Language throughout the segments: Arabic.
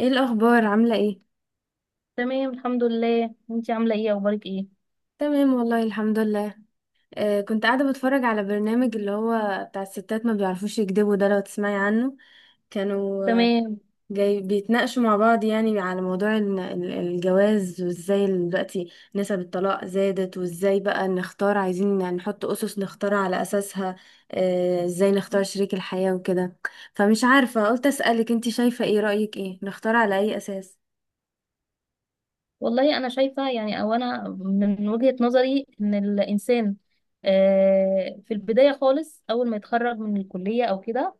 ايه الاخبار؟ عامله ايه؟ تمام، الحمد لله. انتي عامله ايه؟ اخبارك ايه؟ تمام والله الحمد لله. كنت قاعده بتفرج على برنامج اللي هو بتاع الستات ما بيعرفوش يكذبوا ده، لو تسمعي عنه. كانوا تمام. جاي بيتناقشوا مع بعض، يعني على موضوع الجواز وازاي دلوقتي نسب الطلاق زادت، وازاي بقى نختار، عايزين يعني نحط اسس نختار على اساسها. ازاي نختار شريك الحياه وكده. فمش عارفه قلت اسالك، انت شايفه ايه، رايك ايه، نختار على اي اساس؟ والله انا شايفه يعني، او انا من وجهه نظري ان الانسان في البدايه خالص اول ما يتخرج من الكليه او كده،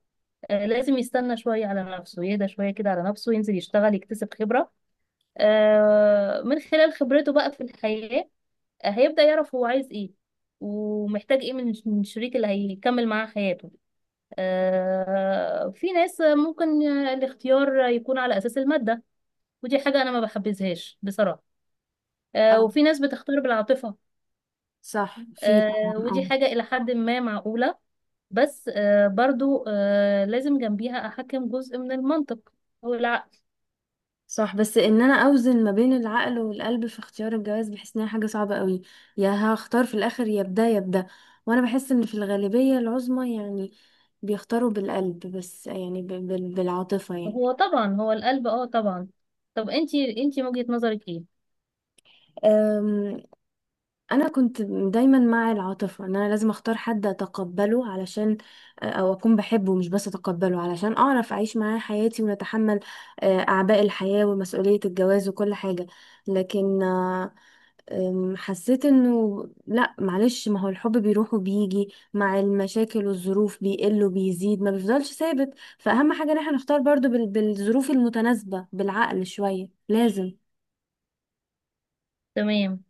لازم يستنى شويه على نفسه، يهدى شويه كده على نفسه، ينزل يشتغل يكتسب خبره، من خلال خبرته بقى في الحياه هيبدا يعرف هو عايز ايه ومحتاج ايه من الشريك اللي هيكمل معاه حياته. في ناس ممكن الاختيار يكون على اساس الماده، ودي حاجة أنا ما بحبذهاش بصراحة. وفي اه، ناس بتختار بالعاطفة. صح، في ودي طبعا. حاجة إلى حد ما معقولة، بس برضو لازم جنبيها أحكم جزء من المنطق، هو العقل. صح، بس ان انا اوزن ما بين العقل والقلب في اختيار الجواز، بحس انها حاجه صعبه قوي. يا هختار في الاخر يا بدا يا بدا. وانا بحس ان في الغالبيه العظمى يعني بيختاروا بالقلب، بس يعني بالعاطفه يعني. هو طبعا هو القلب طبعا. طب انتي من وجهة نظرك ايه؟ أم، انا كنت دايما مع العاطفه، ان انا لازم اختار حد اتقبله علشان، او اكون بحبه مش بس اتقبله، علشان اعرف اعيش معاه حياتي ونتحمل اعباء الحياه ومسؤوليه الجواز وكل حاجه. لكن آه، أم، حسيت انه لا معلش، ما هو الحب بيروح وبيجي، مع المشاكل والظروف بيقل وبيزيد، ما بيفضلش ثابت. فأهم حاجة ان احنا نختار برضو بالظروف المتناسبة، بالعقل شوية لازم. تمام.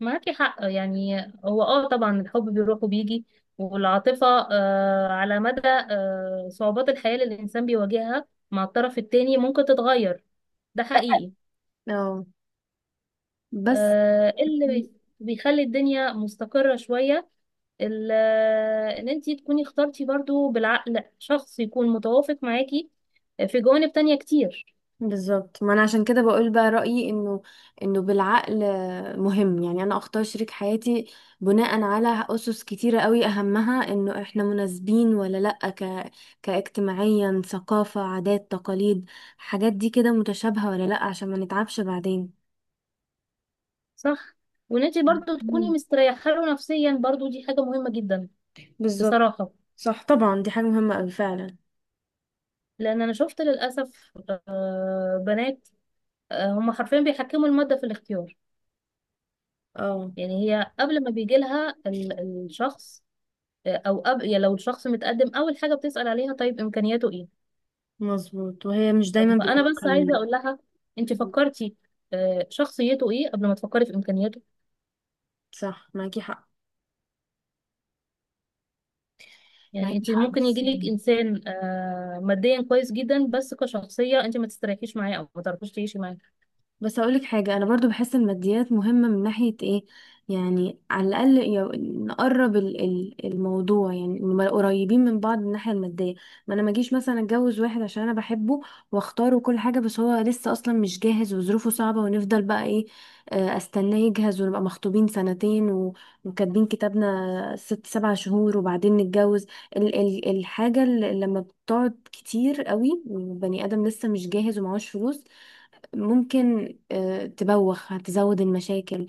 معاكي حق يعني. هو طبعا الحب بيروح وبيجي، والعاطفة على مدى صعوبات الحياة اللي الإنسان بيواجهها مع الطرف التاني ممكن تتغير. ده حقيقي. اه، بس اللي بيخلي الدنيا مستقرة شوية، ان انتي تكوني اخترتي برضو بالعقل شخص يكون متوافق معاكي في جوانب تانية كتير. بالظبط، ما انا عشان كده بقول بقى رأيي انه، انه بالعقل مهم، يعني انا اختار شريك حياتي بناء على اسس كتيرة قوي، اهمها انه احنا مناسبين ولا لأ، كاجتماعيا، ثقافة، عادات، تقاليد، حاجات دي كده متشابهة ولا لأ، عشان ما نتعبش بعدين. صح. وان انتي برضو تكوني مم. مستريحة له نفسيا، برضو دي حاجة مهمة جدا بالظبط. بصراحة. صح طبعا، دي حاجة مهمة قوي فعلا. لان انا شفت للأسف بنات هم حرفيا بيحكموا المادة في الاختيار. اه يعني هي قبل ما بيجي لها الشخص، او قبل يعني لو الشخص متقدم، اول حاجة بتسأل عليها طيب امكانياته ايه. مظبوط، وهي مش دايما طب انا بس بالامكانيات. عايزه اقول لها انت مم. فكرتي شخصيته ايه قبل ما تفكري في امكانياته. صح، معاكي حق. يعني معاكي انت حق، ممكن يجي لك انسان ماديا كويس جدا، بس كشخصيه انت ما تستريحيش معاه او ما تعرفيش تعيشي معاه. بس اقولك حاجة، انا برضو بحس الماديات مهمة من ناحية ايه، يعني على الاقل نقرب الموضوع، يعني نبقى قريبين من بعض من الناحية المادية. ما انا ما اجيش مثلا اتجوز واحد عشان انا بحبه واختاره كل حاجة، بس هو لسه اصلا مش جاهز وظروفه صعبة، ونفضل بقى ايه، استناه يجهز ونبقى مخطوبين سنتين وكاتبين كتابنا ست سبع شهور وبعدين نتجوز. ال الحاجة اللي لما بتقعد كتير قوي وبني ادم لسه مش جاهز ومعهوش فلوس، ممكن تبوخ، هتزود المشاكل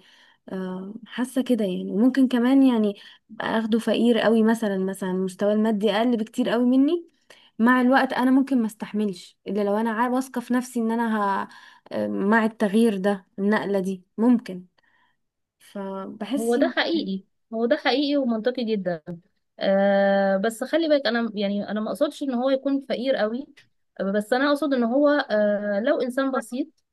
حاسه كده يعني. وممكن كمان يعني أبقى اخده فقير قوي، مثلا مثلا مستواه المادي اقل بكتير قوي مني، مع الوقت انا ممكن ما استحملش، الا لو انا واثقه في نفسي ان انا ه... آه، مع التغيير ده النقله دي ممكن. هو فبحس، ده حقيقي. هو ده حقيقي ومنطقي جدا. بس خلي بالك انا يعني انا ما اقصدش ان هو يكون فقير قوي، بس انا اقصد ان هو لو انسان بسيط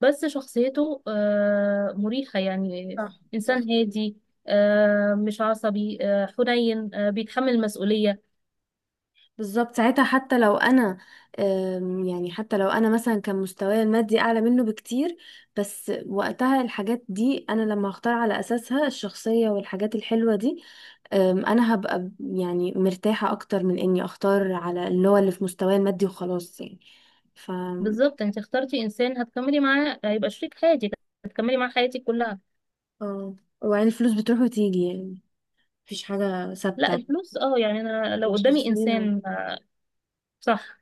بس شخصيته مريحة يعني. صح صح إنسان هادي، مش عصبي، حنين، بيتحمل المسؤولية. بالظبط. ساعتها حتى لو انا يعني حتى لو انا مثلا كان مستواي المادي اعلى منه بكتير، بس وقتها الحاجات دي انا لما هختار على اساسها، الشخصية والحاجات الحلوة دي، انا هبقى يعني مرتاحة اكتر من اني اختار على اللي هو اللي في مستواي المادي وخلاص يعني. ف، بالظبط. انت اخترتي إنسان هتكملي معاه، هيبقى شريك حياتك، هتكملي معاه حياتك كلها. اه، وبعدين الفلوس بتروح وتيجي يعني، مفيش حاجة لا ثابتة. الفلوس يعني أنا لو قدامي الشخصية. إنسان صح.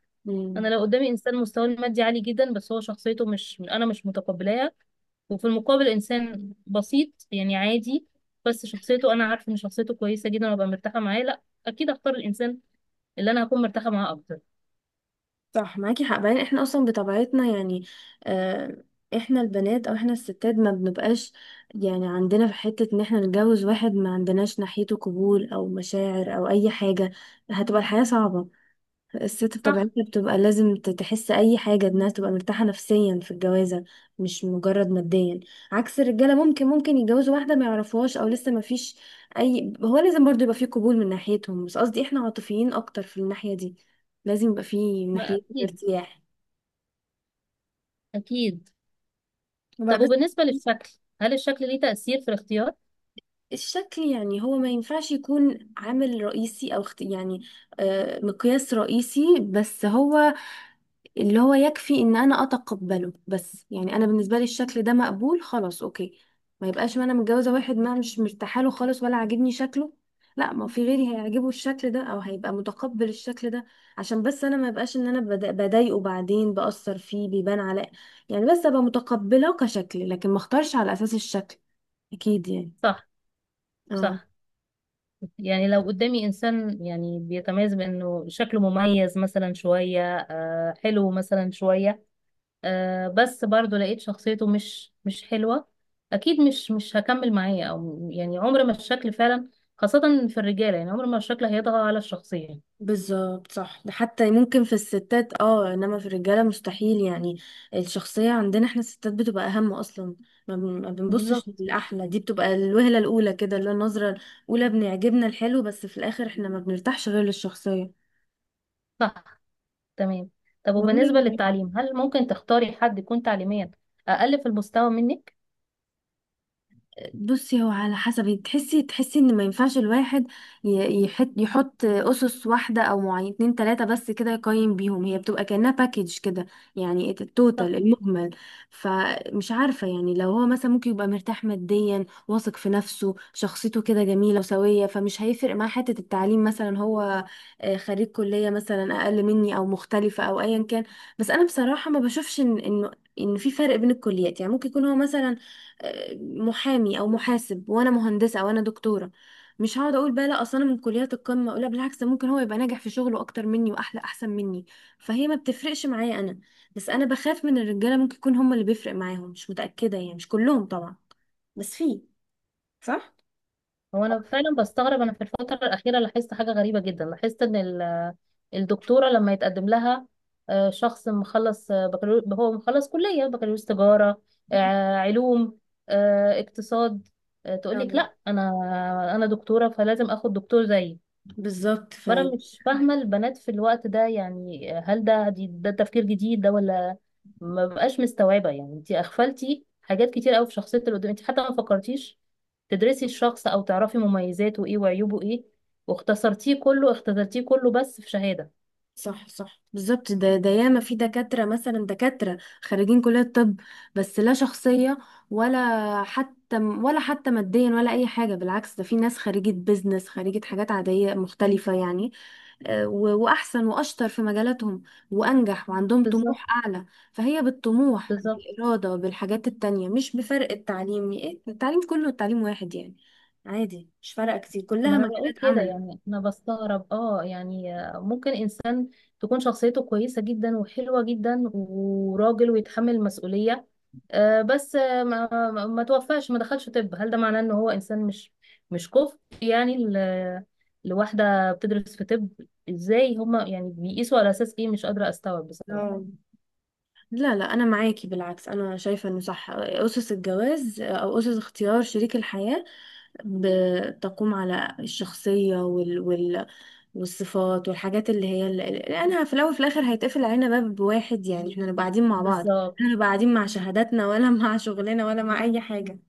أنا لو قدامي إنسان مستواه المادي عالي جدا بس هو شخصيته مش، أنا مش متقبلاها، وفي المقابل إنسان بسيط يعني عادي بس شخصيته أنا عارفة إن شخصيته كويسة جدا وأبقى مرتاحة معاه، لا أكيد أختار الإنسان اللي أنا هكون مرتاحة معاه أكتر. صح معاكي حق. بعدين احنا اصلا بطبيعتنا يعني آه، احنا البنات او احنا الستات ما بنبقاش، يعني عندنا في حتة، ان احنا نتجوز واحد ما عندناش ناحيته قبول او مشاعر او اي حاجة، هتبقى الحياة صعبة. الست صح. بطبيعتها بتبقى لازم تحس اي حاجه انها تبقى مرتاحه نفسيا في الجوازه، مش مجرد ماديا. عكس الرجاله، ممكن يتجوزوا واحده ما يعرفوهاش او لسه ما فيش اي، هو لازم برضو يبقى فيه قبول من ناحيتهم، بس قصدي احنا عاطفيين اكتر في الناحيه دي، لازم يبقى فيه من ما ناحيتنا أكيد. ارتياح أكيد. وبقى طب بس. وبالنسبة للشكل، هل الشكل ليه تأثير في الاختيار؟ الشكل يعني هو ما ينفعش يكون عامل رئيسي او يعني مقياس رئيسي، بس هو اللي هو يكفي ان انا اتقبله، بس يعني انا بالنسبه لي الشكل ده مقبول خلاص اوكي، ما يبقاش ما انا متجوزه واحد ما مش مرتاحه له خالص ولا عاجبني شكله، لا ما في غيري هيعجبه الشكل ده او هيبقى متقبل الشكل ده، عشان بس انا ما يبقاش ان انا بضايقه بعدين، باثر فيه بيبان على، يعني بس ابقى متقبله كشكل، لكن ما اختارش على اساس الشكل اكيد يعني. صح، اه، صح. يعني لو قدامي إنسان يعني بيتميز بأنه شكله مميز مثلا شوية، حلو مثلا شوية، بس برضه لقيت شخصيته مش حلوة، أكيد مش هكمل معاه. أو يعني عمر ما الشكل فعلا، خاصة في الرجالة، يعني عمر ما الشكل هيطغى على الشخصية. بالظبط صح، ده حتى ممكن في الستات اه، انما في الرجاله مستحيل يعني. الشخصيه عندنا احنا الستات بتبقى اهم اصلا، ما بنبصش بالظبط. للاحلى، دي بتبقى الوهله الاولى كده، اللي هو النظره الاولى بنعجبنا الحلو، بس في الاخر احنا ما بنرتاحش غير للشخصيه. صح. تمام. طب والله وبالنسبة للتعليم، هل ممكن تختاري حد يكون تعليميا أقل في المستوى منك؟ بصي، هو على حسب تحسي، تحسي ان ما ينفعش الواحد يحط اسس واحده او معين اتنين تلاته بس كده يقيم بيهم، هي بتبقى كانها باكج كده، يعني صح. التوتال المجمل. فمش عارفه، يعني لو هو مثلا ممكن يبقى مرتاح ماديا، واثق في نفسه، شخصيته كده جميله وسويه، فمش هيفرق معاه حته التعليم مثلا. هو خريج كليه مثلا اقل مني او مختلفه او ايا كان، بس انا بصراحه ما بشوفش ان انه، ان في فرق بين الكليات، يعني ممكن يكون هو مثلا محامي او محاسب وانا مهندسه وانا دكتوره، مش هقعد اقول بقى لا اصل انا من كليات القمه، لا بالعكس، ده ممكن هو يبقى ناجح في شغله اكتر مني واحلى احسن مني، فهي ما بتفرقش معايا انا. بس انا بخاف من الرجاله ممكن يكون هم اللي بيفرق معاهم، مش متاكده يعني، مش كلهم طبعا، بس في. صح. هو أنا فعلا بستغرب. أنا في الفترة الأخيرة لاحظت حاجة غريبة جدا. لاحظت إن الدكتورة لما يتقدم لها شخص مخلص، بكالوريوس، هو مخلص كلية بكالوريوس تجارة، علوم، اقتصاد، تقول لك أه. لا، أنا، أنا دكتورة فلازم آخد دكتور زيي. بالظبط. فانا مش فاهمه البنات في الوقت ده. يعني هل ده ده تفكير جديد ده؟ ولا ما بقاش مستوعبه. يعني انت اغفلتي حاجات كتير قوي في شخصيه اللي قدام، انت حتى ما فكرتيش تدرسي الشخص او تعرفي مميزاته ايه وعيوبه ايه. واختصرتيه كله، اختصرتيه كله بس في شهاده. صح صح بالظبط، ده ده ياما في دكاترة مثلا، دكاترة خريجين كلية طب، بس لا شخصية ولا حتى، ولا حتى ماديا ولا أي حاجة، بالعكس ده في ناس خريجة بيزنس، خريجة حاجات عادية مختلفة يعني، وأحسن وأشطر في مجالاتهم وأنجح وعندهم بالظبط، طموح أعلى. فهي بالطموح بالظبط. بالإرادة بالحاجات التانية، مش بفرق التعليم إيه، التعليم كله التعليم واحد يعني، عادي مش فارقة كتير، ما كلها انا مجالات بقول كده عمل. يعني. انا بستغرب يعني ممكن انسان تكون شخصيته كويسة جدا وحلوة جدا، وراجل ويتحمل مسؤولية، بس ما توفاش، ما دخلش طب. هل ده معناه ان هو انسان مش، مش كفء يعني لواحدة بتدرس في طب؟ ازاي هما يعني بيقيسوا على اساس ايه؟ مش قادرة استوعب بصراحة. اه لا لا انا معاكي، بالعكس انا شايفه انه صح، اسس الجواز او اسس اختيار شريك الحياه بتقوم على الشخصيه وال والصفات والحاجات اللي هي اللي، لانها في الاول وفي الاخر هيتقفل علينا باب واحد يعني، احنا نبقى قاعدين مع بعض، احنا بالظبط. نبقى قاعدين مع شهاداتنا ولا مع شغلنا ولا مع اي حاجه.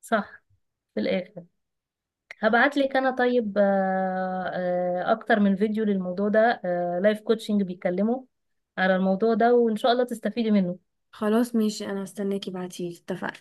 صح. في الاخر هبعت لك انا، طيب، اكتر من فيديو للموضوع ده، لايف كوتشنج بيتكلموا على الموضوع ده، وان شاء الله تستفيدي منه. خلاص ماشي، انا هستناكي، بعتيلي، اتفقنا.